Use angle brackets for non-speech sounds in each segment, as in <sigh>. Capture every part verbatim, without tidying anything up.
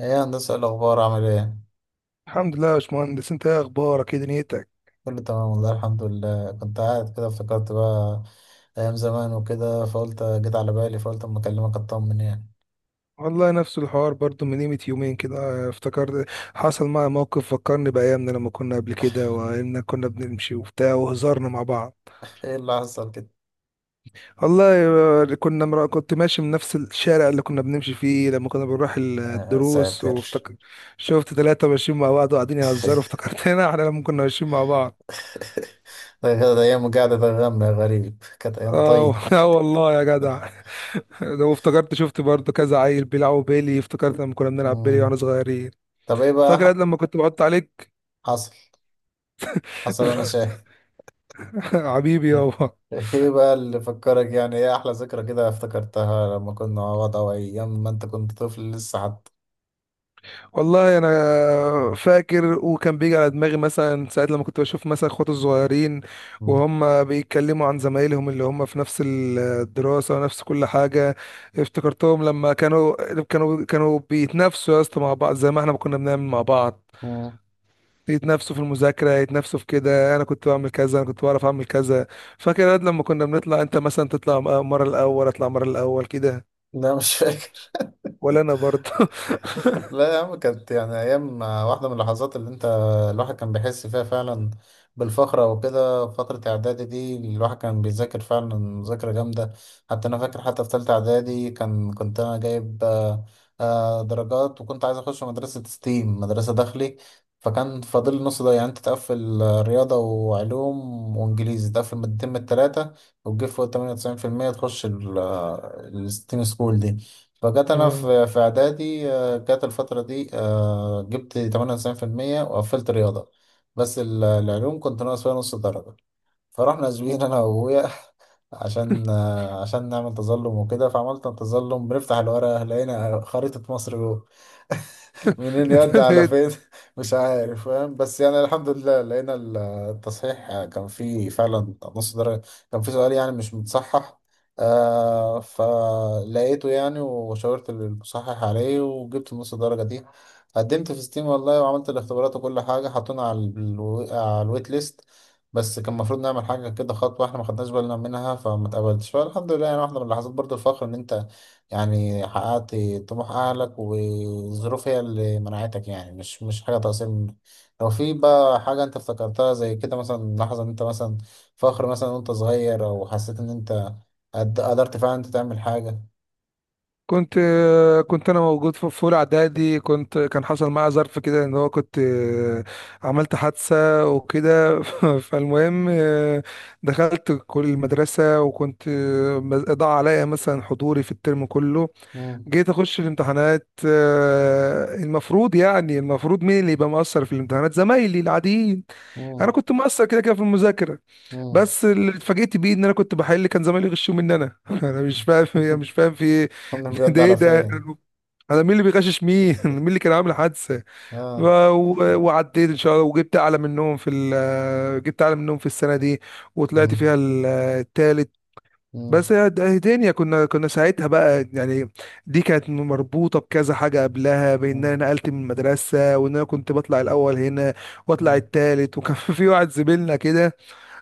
ايه يا هندسة، إيه الأخبار؟ عامل ايه؟ الحمد لله يا باشمهندس، انت ايه اخبارك؟ ايه دنيتك؟ كله تمام والله الحمد لله. كنت قاعد كده افتكرت بقى أيام زمان وكده، فقلت جيت على بالي فقلت أما أكلمك أطمن يعني. والله نفس الحوار برضو من قيمة يومين كده، اه، افتكرت. حصل معايا موقف فكرني بأيامنا لما كنا قبل كده، وإن كنا بنمشي وبتاع وهزرنا مع بعض. <laughs> ايه اللي حصل كده؟ والله، اه، كنا مرا... كنت ماشي من نفس الشارع اللي كنا بنمشي فيه لما كنا بنروح ال- آه الدروس، ساتر. وافتكر. شفت ثلاثة ماشيين مع بعض وقاعدين يهزروا، <laughs> افتكرتنا. <laughs> احنا لما كنا ماشيين مع بعض. ده كانت أيام، قاعدة ده غم يا غريب، كانت أيام اه. طيب. <laughs> اه والله يا جدع. <laughs> ده، وافتكرت شفت برضو كذا عيل بيلعبوا بيلي، افتكرت لما كنا بنلعب بيلي مم. واحنا صغيرين. طب ايه فاكر قد بقى لما كنت بعط عليك؟ حصل؟ حصل وأنا <laughs> شاهد. حبيبي <laughs> يابا. ايه بقى اللي فكرك يعني؟ ايه أحلى ذكرى كده افتكرتها لما كنا مع بعض، أو أيام ما أنت كنت طفل لسه حتى؟ والله انا فاكر، وكان بيجي على دماغي مثلا ساعات لما كنت بشوف مثلا اخواتي الصغيرين، مم. وهم بيتكلموا عن زمايلهم اللي هم في نفس الدراسة ونفس كل حاجة. افتكرتهم لما كانوا كانوا كانوا بيتنافسوا يا اسطى مع بعض زي ما احنا كنا بنعمل مع بعض. مم. يتنافسوا في المذاكرة، يتنافسوا في كده، أنا كنت بعمل كذا، أنا كنت بعرف أعمل كذا. فاكر يا واد لما كنا بنطلع، أنت مثلا تطلع مرة الأول، أطلع مرة الأول كده؟ لا مش فاكر. ولا أنا برضه. لا يا عم، كانت يعني أيام، واحدة من اللحظات اللي أنت الواحد كان بيحس فيها فعلا بالفخر أو كده. فترة إعدادي دي الواحد كان بيذاكر فعلا مذاكرة جامدة، حتى أنا فاكر حتى في تالتة إعدادي كان كنت أنا جايب آه، آه، درجات، وكنت عايز أخش مدرسة ستيم، مدرسة داخلي. فكان فاضل لي النص ده، يعني أنت تقفل آه، رياضة وعلوم وإنجليزي، تقفل مادتين من التلاتة وتجيب فوق تمانية وتسعين في المية تخش ال- آه، الستيم سكول دي. فجت انا في آه. في اعدادي، جات الفترة دي، آه، جبت تمانية وتسعين في المية وقفلت رياضة، بس ال- العلوم كنت ناقص فيها نص درجة. فرحنا زوين أنا وأبويا <laughs> عشان، آه، عشان نعمل تظلم وكده. فعملت تظلم، بنفتح الورقة لقينا خريطة مصر جوه، منين يد على <laughs> فين <laughs> مش عارف فاهم، بس يعني الحمد لله لقينا ال- التصحيح كان فيه فعلا نص درجة، كان فيه سؤال يعني مش متصحح، آه فلقيته يعني، وشاورت المصحح عليه وجبت نص درجة دي. قدمت في ستيم والله، وعملت الاختبارات وكل حاجة، حطونا على الو... على الويت ليست. بس كان المفروض نعمل حاجة كده، خطوة احنا ما خدناش بالنا منها، فما اتقبلتش. فالحمد لله يعني، واحدة من لحظات برضو الفخر، ان انت يعني حققت طموح أهلك، والظروف هي اللي منعتك، يعني مش مش حاجة تقصير منك. لو في بقى حاجة أنت افتكرتها زي كده، مثلا لحظة أنت مثلا فخر مثلا وأنت صغير، أو حسيت إن أنت قد- قدرت فعلا أنت تعمل حاجة؟ كنت آه، كنت انا موجود في في اولى اعدادي. كنت كان حصل معايا ظرف كده ان هو كنت آه، عملت حادثه وكده. <laughs> فالمهم، آه، دخلت كل المدرسه، وكنت آه، ضاع عليا مثلا حضوري في الترم كله. مم. جيت اخش الامتحانات، آه، المفروض يعني المفروض مين اللي يبقى مقصر في الامتحانات؟ زمايلي العاديين. انا مم. كنت مقصر كده كده في المذاكره. مم. بس اللي اتفاجئت بيه ان انا كنت بحل، كان زمايلي يغشوا مني انا. <laughs> انا مش فاهم يعني <laughs> مش فاهم في ايه. كنا <laughs> بيود ده ايه على ده؟ فين؟ انا مين اللي بيغشش مين؟ <laughs> مين اللي <laughs> كان عامل حادثه؟ ف- آه. و- وعديت ان شاء الله، وجبت اعلى منهم في ال- آه، جبت اعلى منهم في السنه دي، وطلعت فيها مم. ال- آه، التالت. بس مم. هي د- هي دنيا كنا كنا ساعتها بقى يعني. دي كانت مربوطه بكذا حاجه قبلها، بان مم. انا نقلت من المدرسه، وان انا كنت بطلع الاول هنا واطلع مم. التالت. وكان <laughs> في واحد زميلنا كده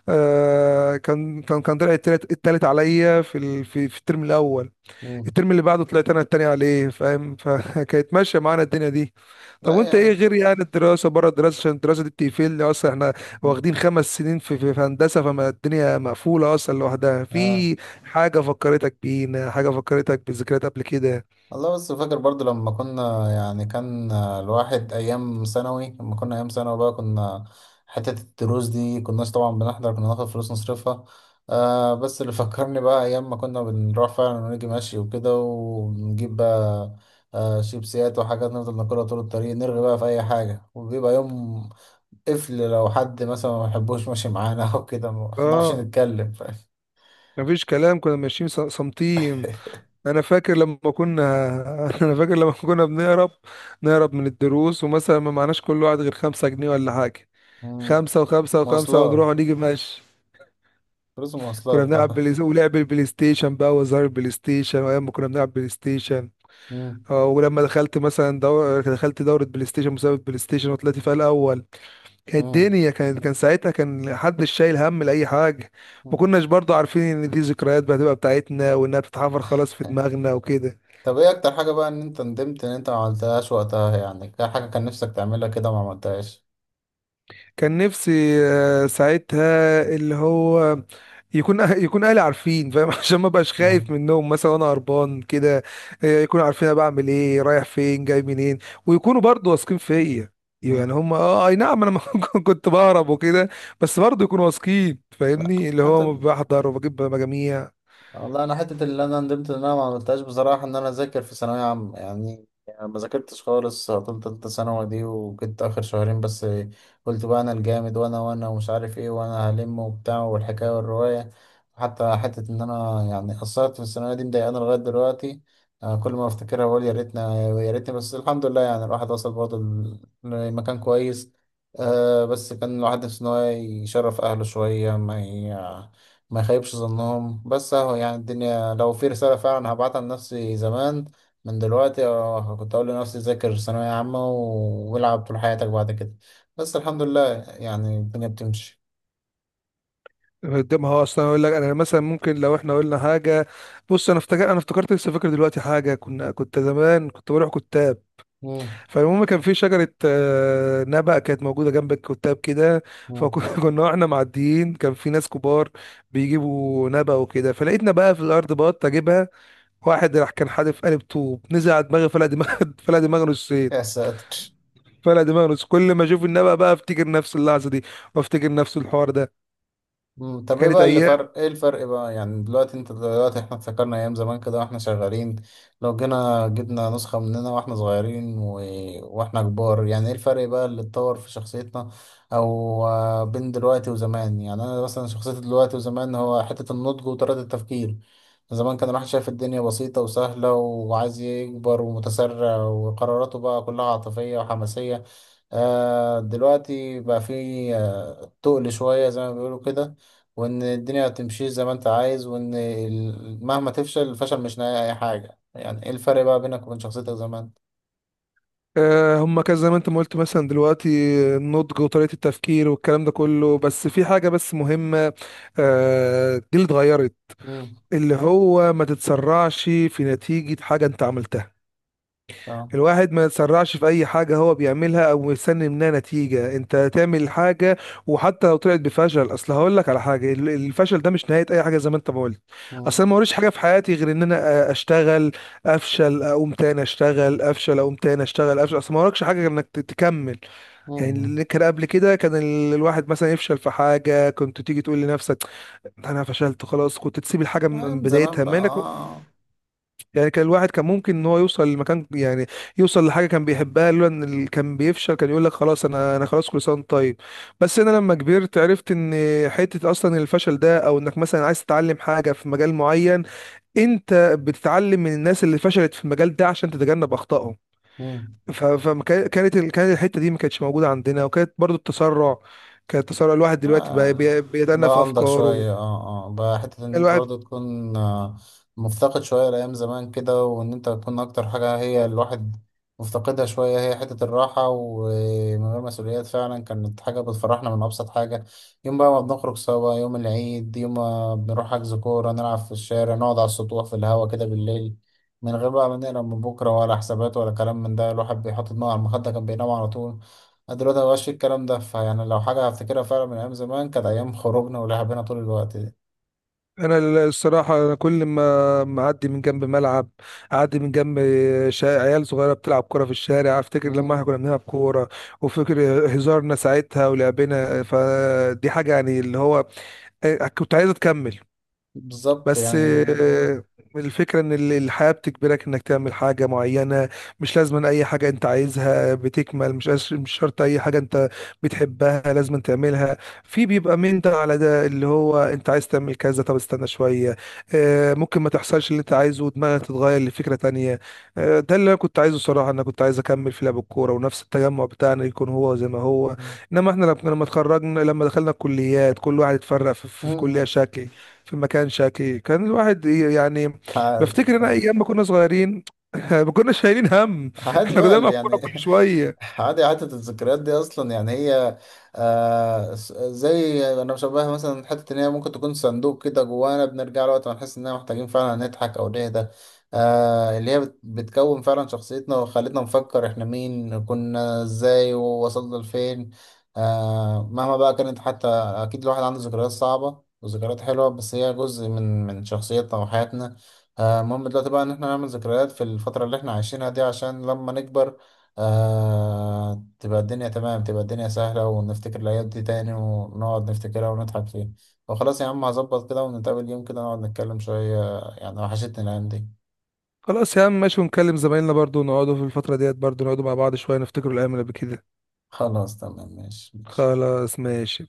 آه كان كان كان طلع التالت, التالت عليا في ال... في في الترم الاول. مم. الترم اللي بعده طلعت انا التاني عليه، فاهم؟ <laughs> فكانت ماشيه معانا الدنيا دي. طب لا وانت ايه يعني. غير يعني الدراسه؟ بره الدراسه، عشان الدراسه دي بتقفلني اصلا. احنا واخدين خمس سنين في في في هندسه، فما الدنيا مقفوله اصلا لوحدها. آه في حاجه فكرتك بينا؟ حاجه فكرتك بذكريات قبل كده؟ والله. بس فاكر برضو لما كنا يعني، كان الواحد أيام ثانوي، لما كنا أيام ثانوي بقى كنا حتة الدروس دي كناش طبعا بنحضر، كنا ناخد فلوس نصرفها. آه، بس اللي فكرني بقى، أيام ما كنا بنروح فعلا ونيجي ماشي وكده، ونجيب بقى آه شيبسيات وحاجات نفضل ناكلها طول الطريق، نرغي بقى في أي حاجة. وبيبقى يوم قفل لو حد مثلا ما بيحبوش ماشي معانا <laughs> أو كده ما بنعرفش اه، نتكلم، فاهم؟ مفيش كلام، كنا ماشيين ص- صامتين. <laughs> انا فاكر لما كنا. <laughs> انا فاكر لما كنا بنهرب، نهرب من الدروس، ومثلا ما معناش كل واحد غير خمسة جنيه ولا حاجة، مم. خمسة وخمسة وخمسة، مواصلات، ونروح ونيجي ماشي. فلوس كنا المواصلات بنلعب اه. بلاي، ولعب البلاي ستيشن بقى وزار البلاي ستيشن، وايام ما كنا بنلعب بلاي ستيشن. مم. اه، ولما دخلت مثلا دور... دخلت دورة بلاي ستيشن، مسابقة بلاي ستيشن، وطلعت فيها الأول. كانت مم. الدنيا، كان كان ساعتها كان حدش شايل هم لأي حاجة. ما مم. كناش برضو عارفين إن دي ذكريات بقى هتبقى بتاعتنا، وإنها بتتحفر خلاص في دماغنا وكده. طب ايه اكتر حاجة بقى ان انت ندمت ان انت ما عملتهاش وقتها؟ يعني كان حاجة كان نفسك تعملها كده ما عملتهاش. كان نفسي آه، ساعتها اللي هو يكون أه- يكون اهلي عارفين، فاهم؟ <laughs> عشان ما بقاش خايف مم. منهم مثلا وانا هربان كده. آه، يكونوا عارفين انا بعمل ايه، رايح فين، جاي منين. ويكونوا برضو واثقين فيا. يعني مم. هم اه اي نعم، انا <laughs> ما كنت بهرب وكده. بس برضو يكونوا واثقين لا فاهمني اللي انت. هو بحضر وبجيب مجاميع. والله انا حته اللي انا ندمت ان انا ما عملتهاش بصراحه، ان انا اذاكر في ثانويه عامه، يعني يعني ما ذاكرتش خالص طول تالتة ثانوي دي، وكنت اخر شهرين بس قلت بقى انا الجامد، وانا وانا ومش عارف ايه، وانا هلم وبتاع، والحكايه والروايه. حتى حته ان انا يعني قصرت في الثانويه دي مضايقاني لغايه دلوقتي. أنا كل ما افتكرها بقول يا ريتنا، يا ريتني. بس الحمد لله يعني الواحد وصل برضه ل- لمكان كويس. أه، بس كان الواحد نفسه ان هو يشرف اهله شويه، ما ي... ما يخيبش ظنهم. بس اهو يعني، الدنيا لو في رسالة فعلا هبعتها لنفسي زمان من دلوقتي، اه كنت أقول لنفسي ذاكر ثانوية عامة، و- والعب طول حياتك بعد كده. بس الحمد لله يعني الدنيا بتمشي. قدامها اصلا، اقول لك انا مثلا ممكن لو احنا قلنا حاجه. بص، انا افتكر انا افتكرت لسه فاكر دلوقتي حاجه. كنا كنت زمان كنت بروح كتاب. مم. فالمهم كان في شجرة آه، نبق كانت موجودة جنب الكتاب كده. مم. فكنا <laughs> واحنا معديين كان في ناس كبار بيجيبوا نبق وكده، فلقيتنا بقى في الأرض بط أجيبها. واحد راح كان حادف قالب طوب، نزل على دماغي، فلقى دماغ. <laughs> فلقى دماغه يا نصين، ساتر. فلقى دماغه نص. كل ما أشوف النبق بقى، أفتكر نفس اللحظة دي، وأفتكر نفس الحوار ده. مم، طب ايه كانت بقى اللي أيام. فرق؟ ايه الفرق بقى، يعني دلوقتي انت، دلوقتي احنا افتكرنا ايام زمان كده واحنا شغالين. لو جينا جبنا نسخة مننا واحنا صغيرين و... واحنا كبار، يعني ايه الفرق بقى اللي اتطور في شخصيتنا؟ او آه، بين دلوقتي وزمان، يعني انا مثلا شخصيتي دلوقتي وزمان، هو حتة النضج وطريقة التفكير. زمان كان الواحد شايف الدنيا بسيطة وسهلة، وعايز يكبر ومتسرع وقراراته بقى كلها عاطفية وحماسية. آه، دلوقتي بقى في تقل شوية زي ما بيقولوا كده، وإن الدنيا هتمشي زي ما أنت عايز، وإن ال- مهما تفشل، الفشل مش نهاية أي حاجة. يعني إيه الفرق بقى بينك وبين شخصيتك زمان؟ آه، هما كان زي ما أنت ما قلت مثلا دلوقتي، النضج وطريقة التفكير والكلام ده كله. بس في حاجة بس مهمة، آه، جيل اتغيرت، مم. اللي هو ما تتسرعش في نتيجة حاجة انت عملتها. آه. الواحد ما يتسرعش في اي حاجة هو بيعملها او يستني منها نتيجة. انت تعمل حاجة، وحتى لو طلعت بفشل، اصل هقول لك على حاجة، ال- الفشل ده مش نهاية اي حاجة، زي ما انت ما قلت. مم. اصل أنا ما وريش حاجة في حياتي غير ان انا أ- اشتغل، افشل، اقوم تاني اشتغل، افشل، اقوم تاني اشتغل، افشل. اصل ما وراكش حاجة غير انك ت- تكمل. يعني مم. اللي كان قبل كده، كان ال- الواحد مثلا يفشل في حاجة، كنت تيجي تقول لنفسك انا فشلت خلاص، كنت تسيب الحاجه من من أيام زمان بدايتها، ما انك بقى. يعني كان الواحد كان ممكن ان هو يوصل لمكان، يعني يوصل لحاجه كان بيحبها، لولا ان ال- كان بيفشل، كان يقول لك خلاص انا انا خلاص، كل سنه وأنت طيب. بس انا لما كبرت عرفت ان حته اصلا الفشل ده، او انك مثلا عايز تتعلم حاجه في مجال معين، انت بتتعلم من الناس اللي فشلت في المجال ده عشان تتجنب اخطائهم. آه. فكانت ال- كانت الحته دي ما كانتش موجوده عندنا، وكانت برضو التسرع. كان التسرع، الواحد دلوقتي بقى بي- آه بيتأنى في بقى عندك افكاره. شوية اه اه بقى حتة ان انت الواحد، برضو تكون، آه، مفتقد شوية لأيام زمان كده. وان انت تكون، اكتر حاجة هي الواحد مفتقدها شوية، هي حتة الراحة ومن غير مسؤوليات. فعلا كانت حاجة بتفرحنا من أبسط حاجة، يوم بقى ما بنخرج سوا، يوم العيد، يوم ما بنروح حجز كورة نلعب في الشارع، نقعد على السطوح في الهوا كده بالليل، من غير بقى ما نقلق من بكرة، ولا حسابات ولا كلام من ده. الواحد بيحط دماغه على المخدة كان بينام على طول. أنا دلوقتي مبقاش في الكلام ده. فيعني لو حاجة هفتكرها فعلا من أيام زمان، كانت أيام خروجنا ولعبنا طول الوقت دي. انا ال- الصراحه أنا كل ما معدي من جنب ملعب، اعدي من جنب شا- عيال صغيره بتلعب كوره في الشارع، افتكر لما احنا مم. كنا بنلعب كوره، وفكر هزارنا ساعتها ولعبنا. فدي حاجه يعني اللي هو كنت عايزه تكمل. بالظبط بس يعني. مم. آه، الفكرة ان ال- الحياة بتجبرك انك تعمل حاجة معينة. مش لازم اي حاجة انت عايزها بتكمل، مش أش- مش شرط اي حاجة انت بتحبها لازم تعملها. في بيبقى من ده على ده، اللي هو انت عايز تعمل كذا، طب استنى شوية. آه، ممكن ما تحصلش اللي انت عايزه ودماغك تتغير لفكرة تانية. آه، ده اللي انا كنت عايزه صراحة. انا كنت عايز اكمل في لعب الكورة، ونفس التجمع بتاعنا يكون هو زي ما هو. انما احنا لما لما اتخرجنا، لما دخلنا الكليات، كل واحد اتفرق في في- في كلية مم. شكل، في مكان شكلي. كان الواحد ي- يعني بفتكر مم. انا ايام ما كنا صغيرين. <laughs> ما كناش شايلين هم، عادي احنا بقى كنا اللي بنلعب كوره يعني كل شويه. <laughs> عادي، عادة الذكريات دي أصلا يعني هي، آه س- زي أنا بشبهها مثلا، حتة إن هي ممكن تكون صندوق كده جوانا، بنرجع له وقت ما نحس إننا محتاجين فعلا نضحك أو نهدى. آه اللي هي بت- بتكون فعلا شخصيتنا، وخلتنا نفكر إحنا مين كنا إزاي ووصلنا لفين. آه، مهما بقى كانت، حتى أكيد الواحد عنده ذكريات صعبة وذكريات حلوة، بس هي جزء من من شخصيتنا وحياتنا. آه، المهم دلوقتي بقى ان احنا نعمل ذكريات في الفترة اللي احنا عايشينها دي، عشان لما نكبر آه تبقى الدنيا تمام، تبقى الدنيا سهلة، ونفتكر الأيام دي تاني، ونقعد نفتكرها ونضحك فيها. وخلاص يا عم هظبط كده، ونتقابل يوم كده نقعد نتكلم شوية، يعني وحشتني الأيام دي. خلاص يا عم، ماشي، ونكلم زمايلنا برضو، نقعدوا في الفتره ديت برضو، نقعدوا مع بعض شويه، نفتكروا الايام اللي قبل كده. خلاص تمام، ماشي ماشي. خلاص ماشي.